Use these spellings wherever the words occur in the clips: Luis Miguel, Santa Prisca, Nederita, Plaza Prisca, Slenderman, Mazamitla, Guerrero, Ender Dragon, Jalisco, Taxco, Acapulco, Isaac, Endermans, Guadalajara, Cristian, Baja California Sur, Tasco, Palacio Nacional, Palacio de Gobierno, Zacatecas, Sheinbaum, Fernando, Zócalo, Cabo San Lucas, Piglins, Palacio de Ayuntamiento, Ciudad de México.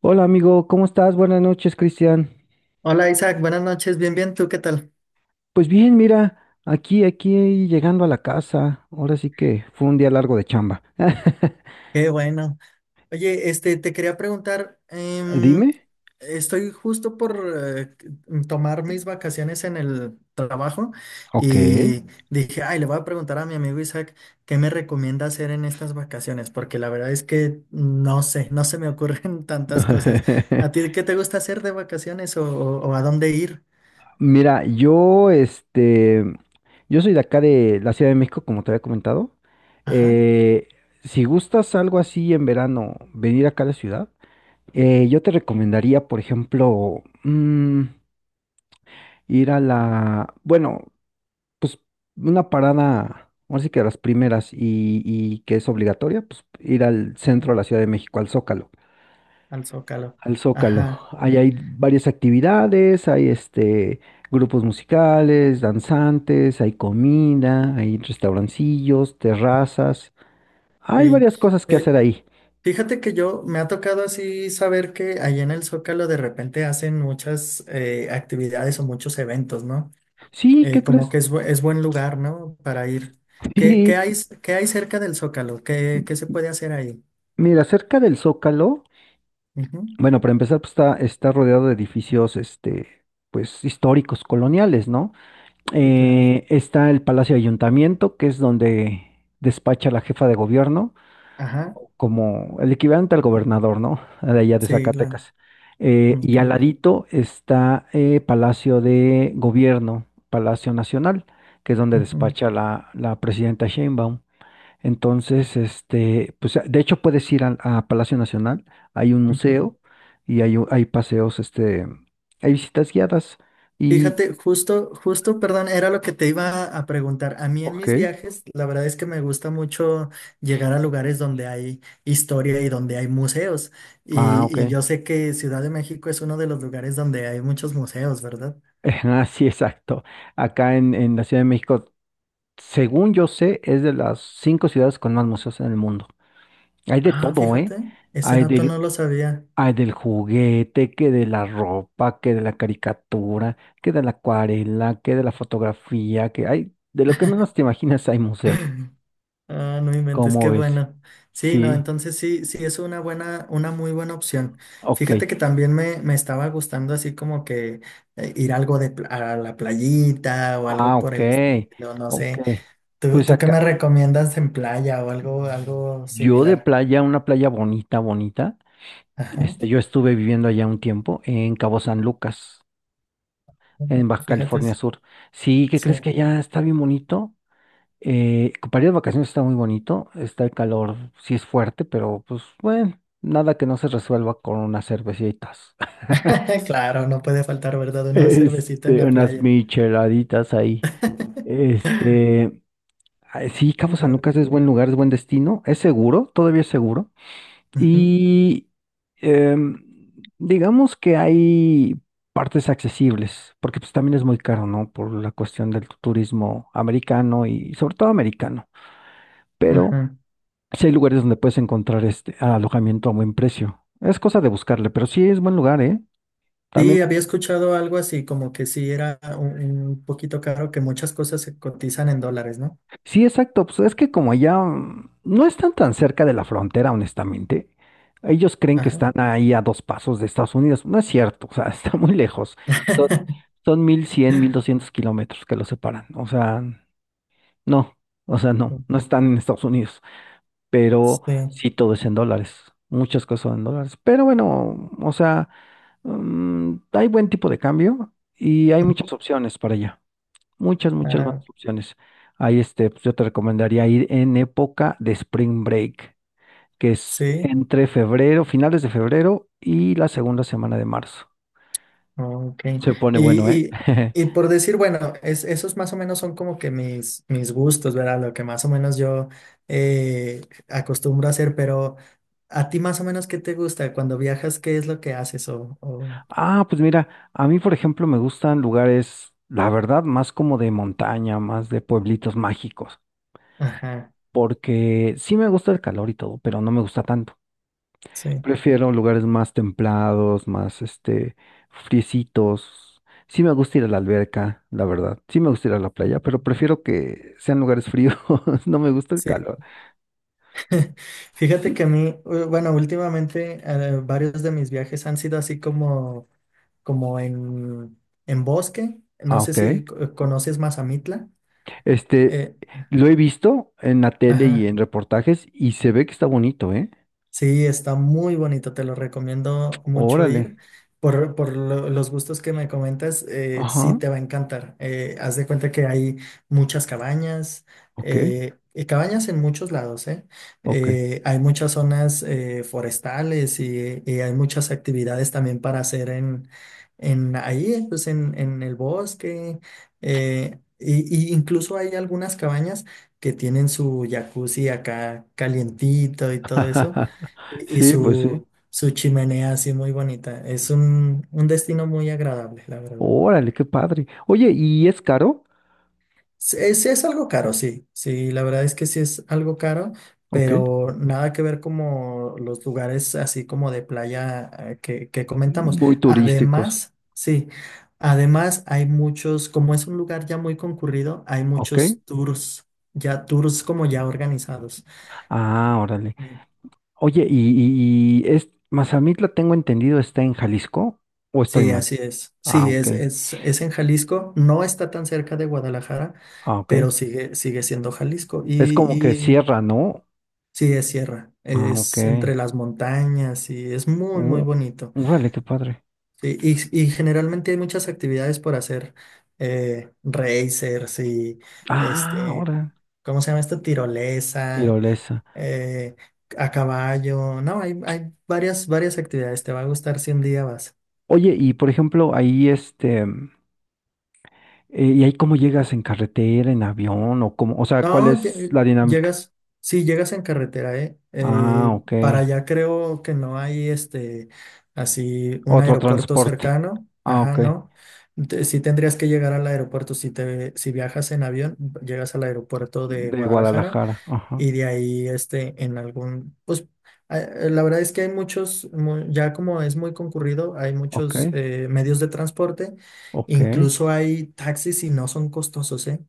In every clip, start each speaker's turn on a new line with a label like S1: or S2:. S1: Hola amigo, ¿cómo estás? Buenas noches, Cristian.
S2: Hola Isaac, buenas noches, bien, bien, ¿tú qué tal?
S1: Pues bien, mira, aquí llegando a la casa. Ahora sí que fue un día largo de chamba.
S2: Qué bueno. Oye, te quería preguntar,
S1: Dime.
S2: estoy justo por eh, tomar mis vacaciones en el trabajo
S1: Ok.
S2: y dije, ay, le voy a preguntar a mi amigo Isaac qué me recomienda hacer en estas vacaciones, porque la verdad es que no sé, no se me ocurren tantas cosas. ¿A ti qué te gusta hacer de vacaciones o, o a dónde ir?
S1: Mira, yo soy de acá de la Ciudad de México, como te había comentado.
S2: Ajá,
S1: Eh, si gustas algo así en verano, venir acá a la ciudad, yo te recomendaría, por ejemplo, ir bueno, una parada, así que las primeras y que es obligatoria, pues ir al centro de la Ciudad de México, al Zócalo.
S2: al Zócalo.
S1: Al Zócalo.
S2: Ajá,
S1: Ahí hay varias actividades, hay grupos musicales, danzantes, hay comida, hay restaurancillos, terrazas. Hay
S2: sí.
S1: varias cosas que
S2: Eh,
S1: hacer ahí.
S2: Fíjate que yo me ha tocado así saber que allá en el Zócalo de repente hacen muchas actividades o muchos eventos, ¿no?
S1: Sí, ¿qué
S2: Como
S1: crees?
S2: que es, es buen lugar, ¿no? Para ir. ¿Qué, qué
S1: Sí,
S2: hay, qué hay cerca del Zócalo? ¿Qué, qué se puede hacer ahí?
S1: mira, cerca del Zócalo,
S2: Ujú,
S1: bueno, para empezar, pues está rodeado de edificios, pues históricos, coloniales, ¿no?
S2: sí, claro.
S1: Está el Palacio de Ayuntamiento, que es donde despacha la jefa de gobierno,
S2: Ajá,
S1: como el equivalente al gobernador, ¿no? De allá de
S2: sí, claro.
S1: Zacatecas.
S2: Ok.
S1: Y al ladito está Palacio de Gobierno, Palacio Nacional, que es donde
S2: Ujú,
S1: despacha
S2: ujú,
S1: la presidenta Sheinbaum. Entonces, pues de hecho puedes ir a, Palacio Nacional, hay un
S2: ujú.
S1: museo y hay paseos, hay visitas guiadas y...
S2: Fíjate, justo, justo, perdón, era lo que te iba a preguntar. A mí en
S1: Ok.
S2: mis viajes, la verdad es que me gusta mucho llegar a lugares donde hay historia y donde hay museos.
S1: Ah, ok.
S2: Y yo sé que Ciudad de México es uno de los lugares donde hay muchos museos, ¿verdad?
S1: Así, exacto. Acá en la Ciudad de México, según yo sé, es de las cinco ciudades con más museos en el mundo. Hay de
S2: Ah,
S1: todo, ¿eh?
S2: fíjate, ese
S1: Hay
S2: dato
S1: del,
S2: no lo sabía.
S1: hay del juguete, que de la ropa, que de la caricatura, que de la acuarela, que de la fotografía, que hay, de lo que menos te imaginas hay museo.
S2: Ah, no inventes,
S1: ¿Cómo
S2: qué
S1: ves?
S2: bueno. Sí, no,
S1: Sí,
S2: entonces sí, sí es una buena, una muy buena opción.
S1: ok.
S2: Fíjate que también me estaba gustando así como que ir algo de a la playita o
S1: Ah,
S2: algo por
S1: ok,
S2: el estilo, no
S1: ok.
S2: sé. ¿Tú,
S1: Pues
S2: tú qué me
S1: acá,
S2: recomiendas en playa o algo, algo
S1: yo de
S2: similar?
S1: playa, una playa bonita, bonita.
S2: Ajá.
S1: Yo estuve viviendo allá un tiempo en Cabo San Lucas, en Baja
S2: Fíjate,
S1: California Sur. Sí, ¿qué
S2: sí.
S1: crees que allá está bien bonito? Para ir de vacaciones está muy bonito, está el calor, sí es fuerte, pero pues bueno, nada que no se resuelva con unas cervecitas,
S2: Claro, no puede faltar, ¿verdad? Una cervecita en la
S1: unas
S2: playa.
S1: micheladitas ahí. Este, sí, Cabo San
S2: Claro,
S1: Lucas es
S2: sí.
S1: buen lugar, es buen destino, es seguro, todavía es seguro.
S2: Ujú,
S1: Y em, digamos que hay partes accesibles, porque pues también es muy caro, ¿no? Por la cuestión del turismo americano y sobre todo americano. Pero
S2: ajá.
S1: sí hay lugares donde puedes encontrar este alojamiento a buen precio. Es cosa de buscarle, pero sí es buen lugar, ¿eh? También
S2: Sí, había escuchado algo así, como que sí era un poquito caro, que muchas cosas se cotizan en dólares, ¿no?
S1: sí, exacto. Pues es que como allá no están tan cerca de la frontera, honestamente, ellos creen que
S2: Ajá.
S1: están ahí a dos pasos de Estados Unidos. No es cierto, o sea, está muy lejos. Son, son 1100, 1200 kilómetros que los separan. No, o sea, no, no están en Estados Unidos. Pero
S2: Sí.
S1: sí, todo es en dólares. Muchas cosas son en dólares. Pero bueno, o sea, hay buen tipo de cambio y hay
S2: Ujú.
S1: muchas opciones para allá. Muchas, muchas
S2: Ah,
S1: buenas opciones. Ahí pues yo te recomendaría ir en época de Spring Break, que es
S2: sí,
S1: entre febrero, finales de febrero y la segunda semana de marzo.
S2: ok.
S1: Se pone bueno,
S2: Y,
S1: ¿eh?
S2: y, y por decir, bueno, es, esos más o menos son como que mis, mis gustos, ¿verdad? Lo que más o menos yo eh, acostumbro a hacer, pero ¿a ti más o menos qué te gusta? Cuando viajas, ¿qué es lo que haces? O...
S1: Ah, pues mira, a mí, por ejemplo, me gustan lugares, la verdad, más como de montaña, más de pueblitos mágicos,
S2: Ajá,
S1: porque sí me gusta el calor y todo, pero no me gusta tanto.
S2: sí.
S1: Prefiero lugares más templados, más friecitos. Sí me gusta ir a la alberca, la verdad. Sí me gusta ir a la playa, pero prefiero que sean lugares fríos. No me gusta el
S2: Sí.
S1: calor.
S2: Fíjate que a
S1: Sí.
S2: mí, bueno, últimamente varios de mis viajes han sido así como, como en bosque. No
S1: Ah,
S2: sé
S1: ok.
S2: si conoces Mazamitla.
S1: Este,
S2: Eh,
S1: lo he visto en la tele y
S2: ajá.
S1: en reportajes y se ve que está bonito, ¿eh?
S2: Sí, está muy bonito, te lo recomiendo mucho
S1: Órale.
S2: ir. Por, los gustos que me comentas, sí
S1: Ajá.
S2: te va a encantar. Haz de cuenta que hay muchas cabañas,
S1: Ok.
S2: y cabañas en muchos lados, ¿eh?
S1: Ok.
S2: Hay muchas zonas forestales y hay muchas actividades también para hacer en ahí, pues en el bosque. Eh, y incluso hay algunas cabañas que tienen su jacuzzi acá calientito y todo eso. Y
S1: Sí, pues sí.
S2: su, su chimenea así muy bonita. Es un destino muy agradable, la verdad.
S1: Órale, qué padre. Oye, ¿y es caro?
S2: Sí, es algo caro, sí. Sí, la verdad es que sí es algo caro,
S1: Ok.
S2: pero nada que ver como los lugares así como de playa que comentamos.
S1: Muy turísticos.
S2: Además, sí, además hay muchos, como es un lugar ya muy concurrido, hay
S1: Ok.
S2: muchos tours, ya tours como ya organizados.
S1: Ah, órale.
S2: Sí.
S1: Oye, y Mazamitla, tengo entendido, está en Jalisco, ¿o estoy
S2: Sí,
S1: mal?
S2: así es.
S1: Ah,
S2: Sí,
S1: ok,
S2: es en Jalisco. No está tan cerca de Guadalajara,
S1: ah, ok.
S2: pero sigue, sigue siendo Jalisco.
S1: Es como que
S2: Y
S1: cierra, ¿no?
S2: sí, es sierra.
S1: Ah, ok.
S2: Es entre las montañas y es muy, muy
S1: Uh,
S2: bonito.
S1: Órale, qué padre.
S2: Sí, y generalmente hay muchas actividades por hacer. Racers y
S1: Ah,
S2: este,
S1: ahora,
S2: ¿cómo se llama esto? Tirolesa,
S1: tirolesa.
S2: eh, a caballo. No, hay varias, varias actividades. Te va a gustar si un día vas.
S1: Oye, y por ejemplo, ¿y ahí cómo llegas en carretera, en avión, o cómo, o sea, cuál
S2: No,
S1: es la dinámica?
S2: llegas, sí, llegas en carretera, ¿eh?
S1: Ah, ok.
S2: Para allá creo que no hay así, un
S1: Otro
S2: aeropuerto
S1: transporte.
S2: cercano,
S1: Ah,
S2: ajá,
S1: ok.
S2: ¿no? Sí tendrías que llegar al aeropuerto, si te, si viajas en avión, llegas al aeropuerto de
S1: De
S2: Guadalajara
S1: Guadalajara, ajá.
S2: y de ahí en algún pues la verdad es que hay muchos ya como es muy concurrido hay
S1: Ok,
S2: muchos medios de transporte
S1: ok.
S2: incluso hay taxis y no son costosos, ¿eh?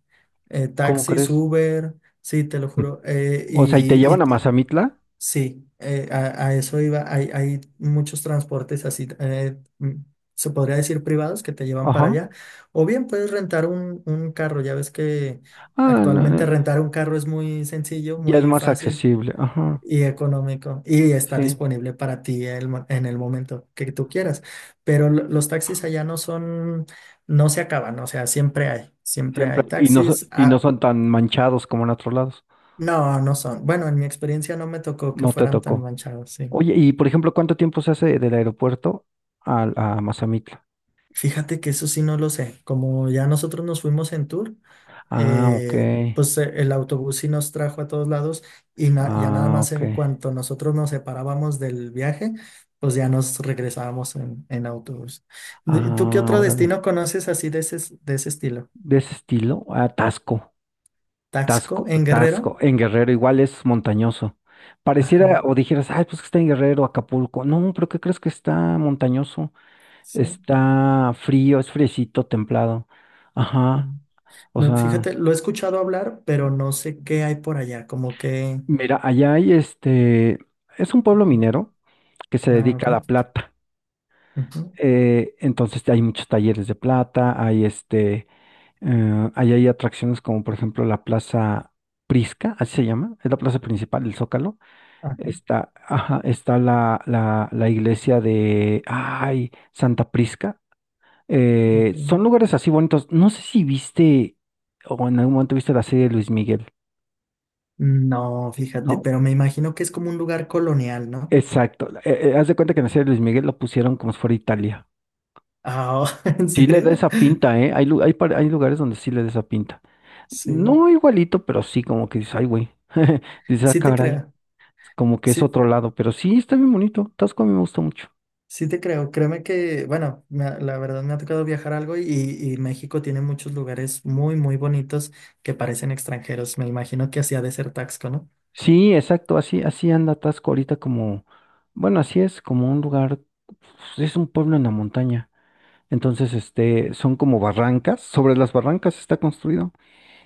S1: ¿Cómo
S2: Taxis
S1: crees?
S2: Uber, sí te lo juro,
S1: O sea, ¿y te llevan a
S2: y,
S1: Mazamitla?
S2: sí, a eso iba. Hay muchos transportes así, se podría decir privados, que te llevan para
S1: Ajá.
S2: allá. O bien puedes rentar un carro. Ya ves que
S1: Ah, no, no,
S2: actualmente rentar un carro es muy sencillo,
S1: ya es
S2: muy
S1: más
S2: fácil
S1: accesible. Ajá.
S2: y económico. Y está
S1: Sí,
S2: disponible para ti el en el momento que tú quieras. Pero los taxis allá no son, no se acaban. O sea, siempre
S1: siempre.
S2: hay
S1: Y no, so-
S2: taxis.
S1: y no
S2: Ah,
S1: son tan manchados como en otros lados.
S2: no, no son. Bueno, en mi experiencia no me tocó que
S1: No te
S2: fueran tan
S1: tocó.
S2: manchados, sí.
S1: Oye, y por ejemplo, ¿cuánto tiempo se hace del aeropuerto a, Mazamitla?
S2: Fíjate que eso sí no lo sé. Como ya nosotros nos fuimos en tour,
S1: Ah, ok.
S2: pues el autobús sí nos trajo a todos lados y ya nada
S1: Ah,
S2: más
S1: ok.
S2: en cuanto nosotros nos separábamos del viaje, pues ya nos regresábamos en autobús. ¿Tú qué
S1: Ah,
S2: otro
S1: órale.
S2: destino conoces así de ese, de ese estilo?
S1: De ese estilo, ah, Tasco.
S2: ¿Taxco
S1: Tasco,
S2: en Guerrero?
S1: Tasco. En Guerrero igual es montañoso. Pareciera,
S2: Ajá,
S1: o dijeras, ay, pues que está en Guerrero, Acapulco. No, pero ¿qué crees que está montañoso?
S2: sí.
S1: Está frío, es fresito, templado.
S2: Mm.
S1: Ajá. O
S2: No,
S1: sea,
S2: fíjate, lo he escuchado hablar, pero no sé qué hay por allá, como que...
S1: mira, allá es un pueblo minero que se
S2: Ah,
S1: dedica
S2: ok.
S1: a la plata.
S2: Ujú,
S1: Entonces hay muchos talleres de plata, ahí hay atracciones como por ejemplo la Plaza Prisca, así se llama, es la plaza principal, el Zócalo.
S2: ajá,
S1: Está, ajá, está la iglesia de, ay, Santa Prisca.
S2: ok.
S1: Son lugares así bonitos. No sé si viste o en algún momento viste la serie de Luis Miguel,
S2: No, fíjate,
S1: ¿no?
S2: pero me imagino que es como un lugar colonial, ¿no?
S1: Exacto. Haz de cuenta que en la serie de Luis Miguel lo pusieron como si fuera Italia.
S2: Ah, ¿en
S1: Sí le da
S2: serio?
S1: esa pinta, ¿eh? Hay, lu- hay, par- hay lugares donde sí le da esa pinta.
S2: Sí,
S1: No igualito, pero sí como que dices, ay, güey. Dices, ah,
S2: sí te
S1: caray,
S2: creo,
S1: como que es
S2: sí,
S1: otro lado. Pero sí, está bien bonito. Tasco a mí me gusta mucho.
S2: sí te creo. Créeme que, bueno, la verdad me ha tocado viajar algo y México tiene muchos lugares muy, muy bonitos que parecen extranjeros. Me imagino que hacía de ser Taxco, ¿no?
S1: Sí, exacto, así, así anda Tasco ahorita como, bueno, así es, como un lugar, pues, es un pueblo en la montaña. Entonces, son como barrancas, sobre las barrancas está construido.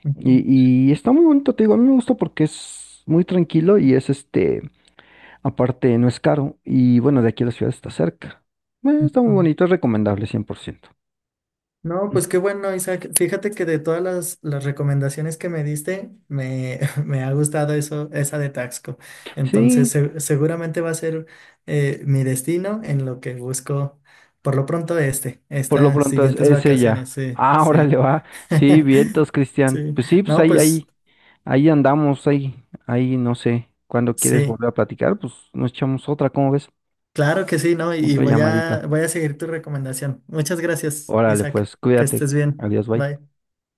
S2: Ujú,
S1: Y está muy bonito, te digo, a mí me gusta porque es muy tranquilo y es aparte no es caro. Y bueno, de aquí a la ciudad está cerca. Está muy
S2: ujú.
S1: bonito, es recomendable 100%.
S2: No, pues qué bueno, Isaac. Fíjate que de todas las recomendaciones que me diste, me, me ha gustado eso, esa de Taxco. Entonces,
S1: Sí,
S2: seguramente va a ser mi destino en lo que busco, por lo pronto, este,
S1: por lo
S2: estas
S1: pronto es,
S2: siguientes
S1: es ella.
S2: vacaciones. Sí,
S1: Ah,
S2: sí.
S1: órale, va. Sí, vientos, Cristian.
S2: Sí.
S1: Pues sí, pues
S2: No,
S1: ahí,
S2: pues
S1: ahí, ahí andamos, ahí, no sé. Cuando quieres
S2: sí,
S1: volver a platicar, pues nos echamos otra, ¿cómo ves?
S2: claro que sí, ¿no? Y
S1: Otra
S2: voy
S1: llamadita.
S2: a, voy a seguir tu recomendación. Muchas gracias,
S1: Órale,
S2: Isaac.
S1: pues,
S2: Que
S1: cuídate.
S2: estés bien.
S1: Adiós, bye.
S2: Bye.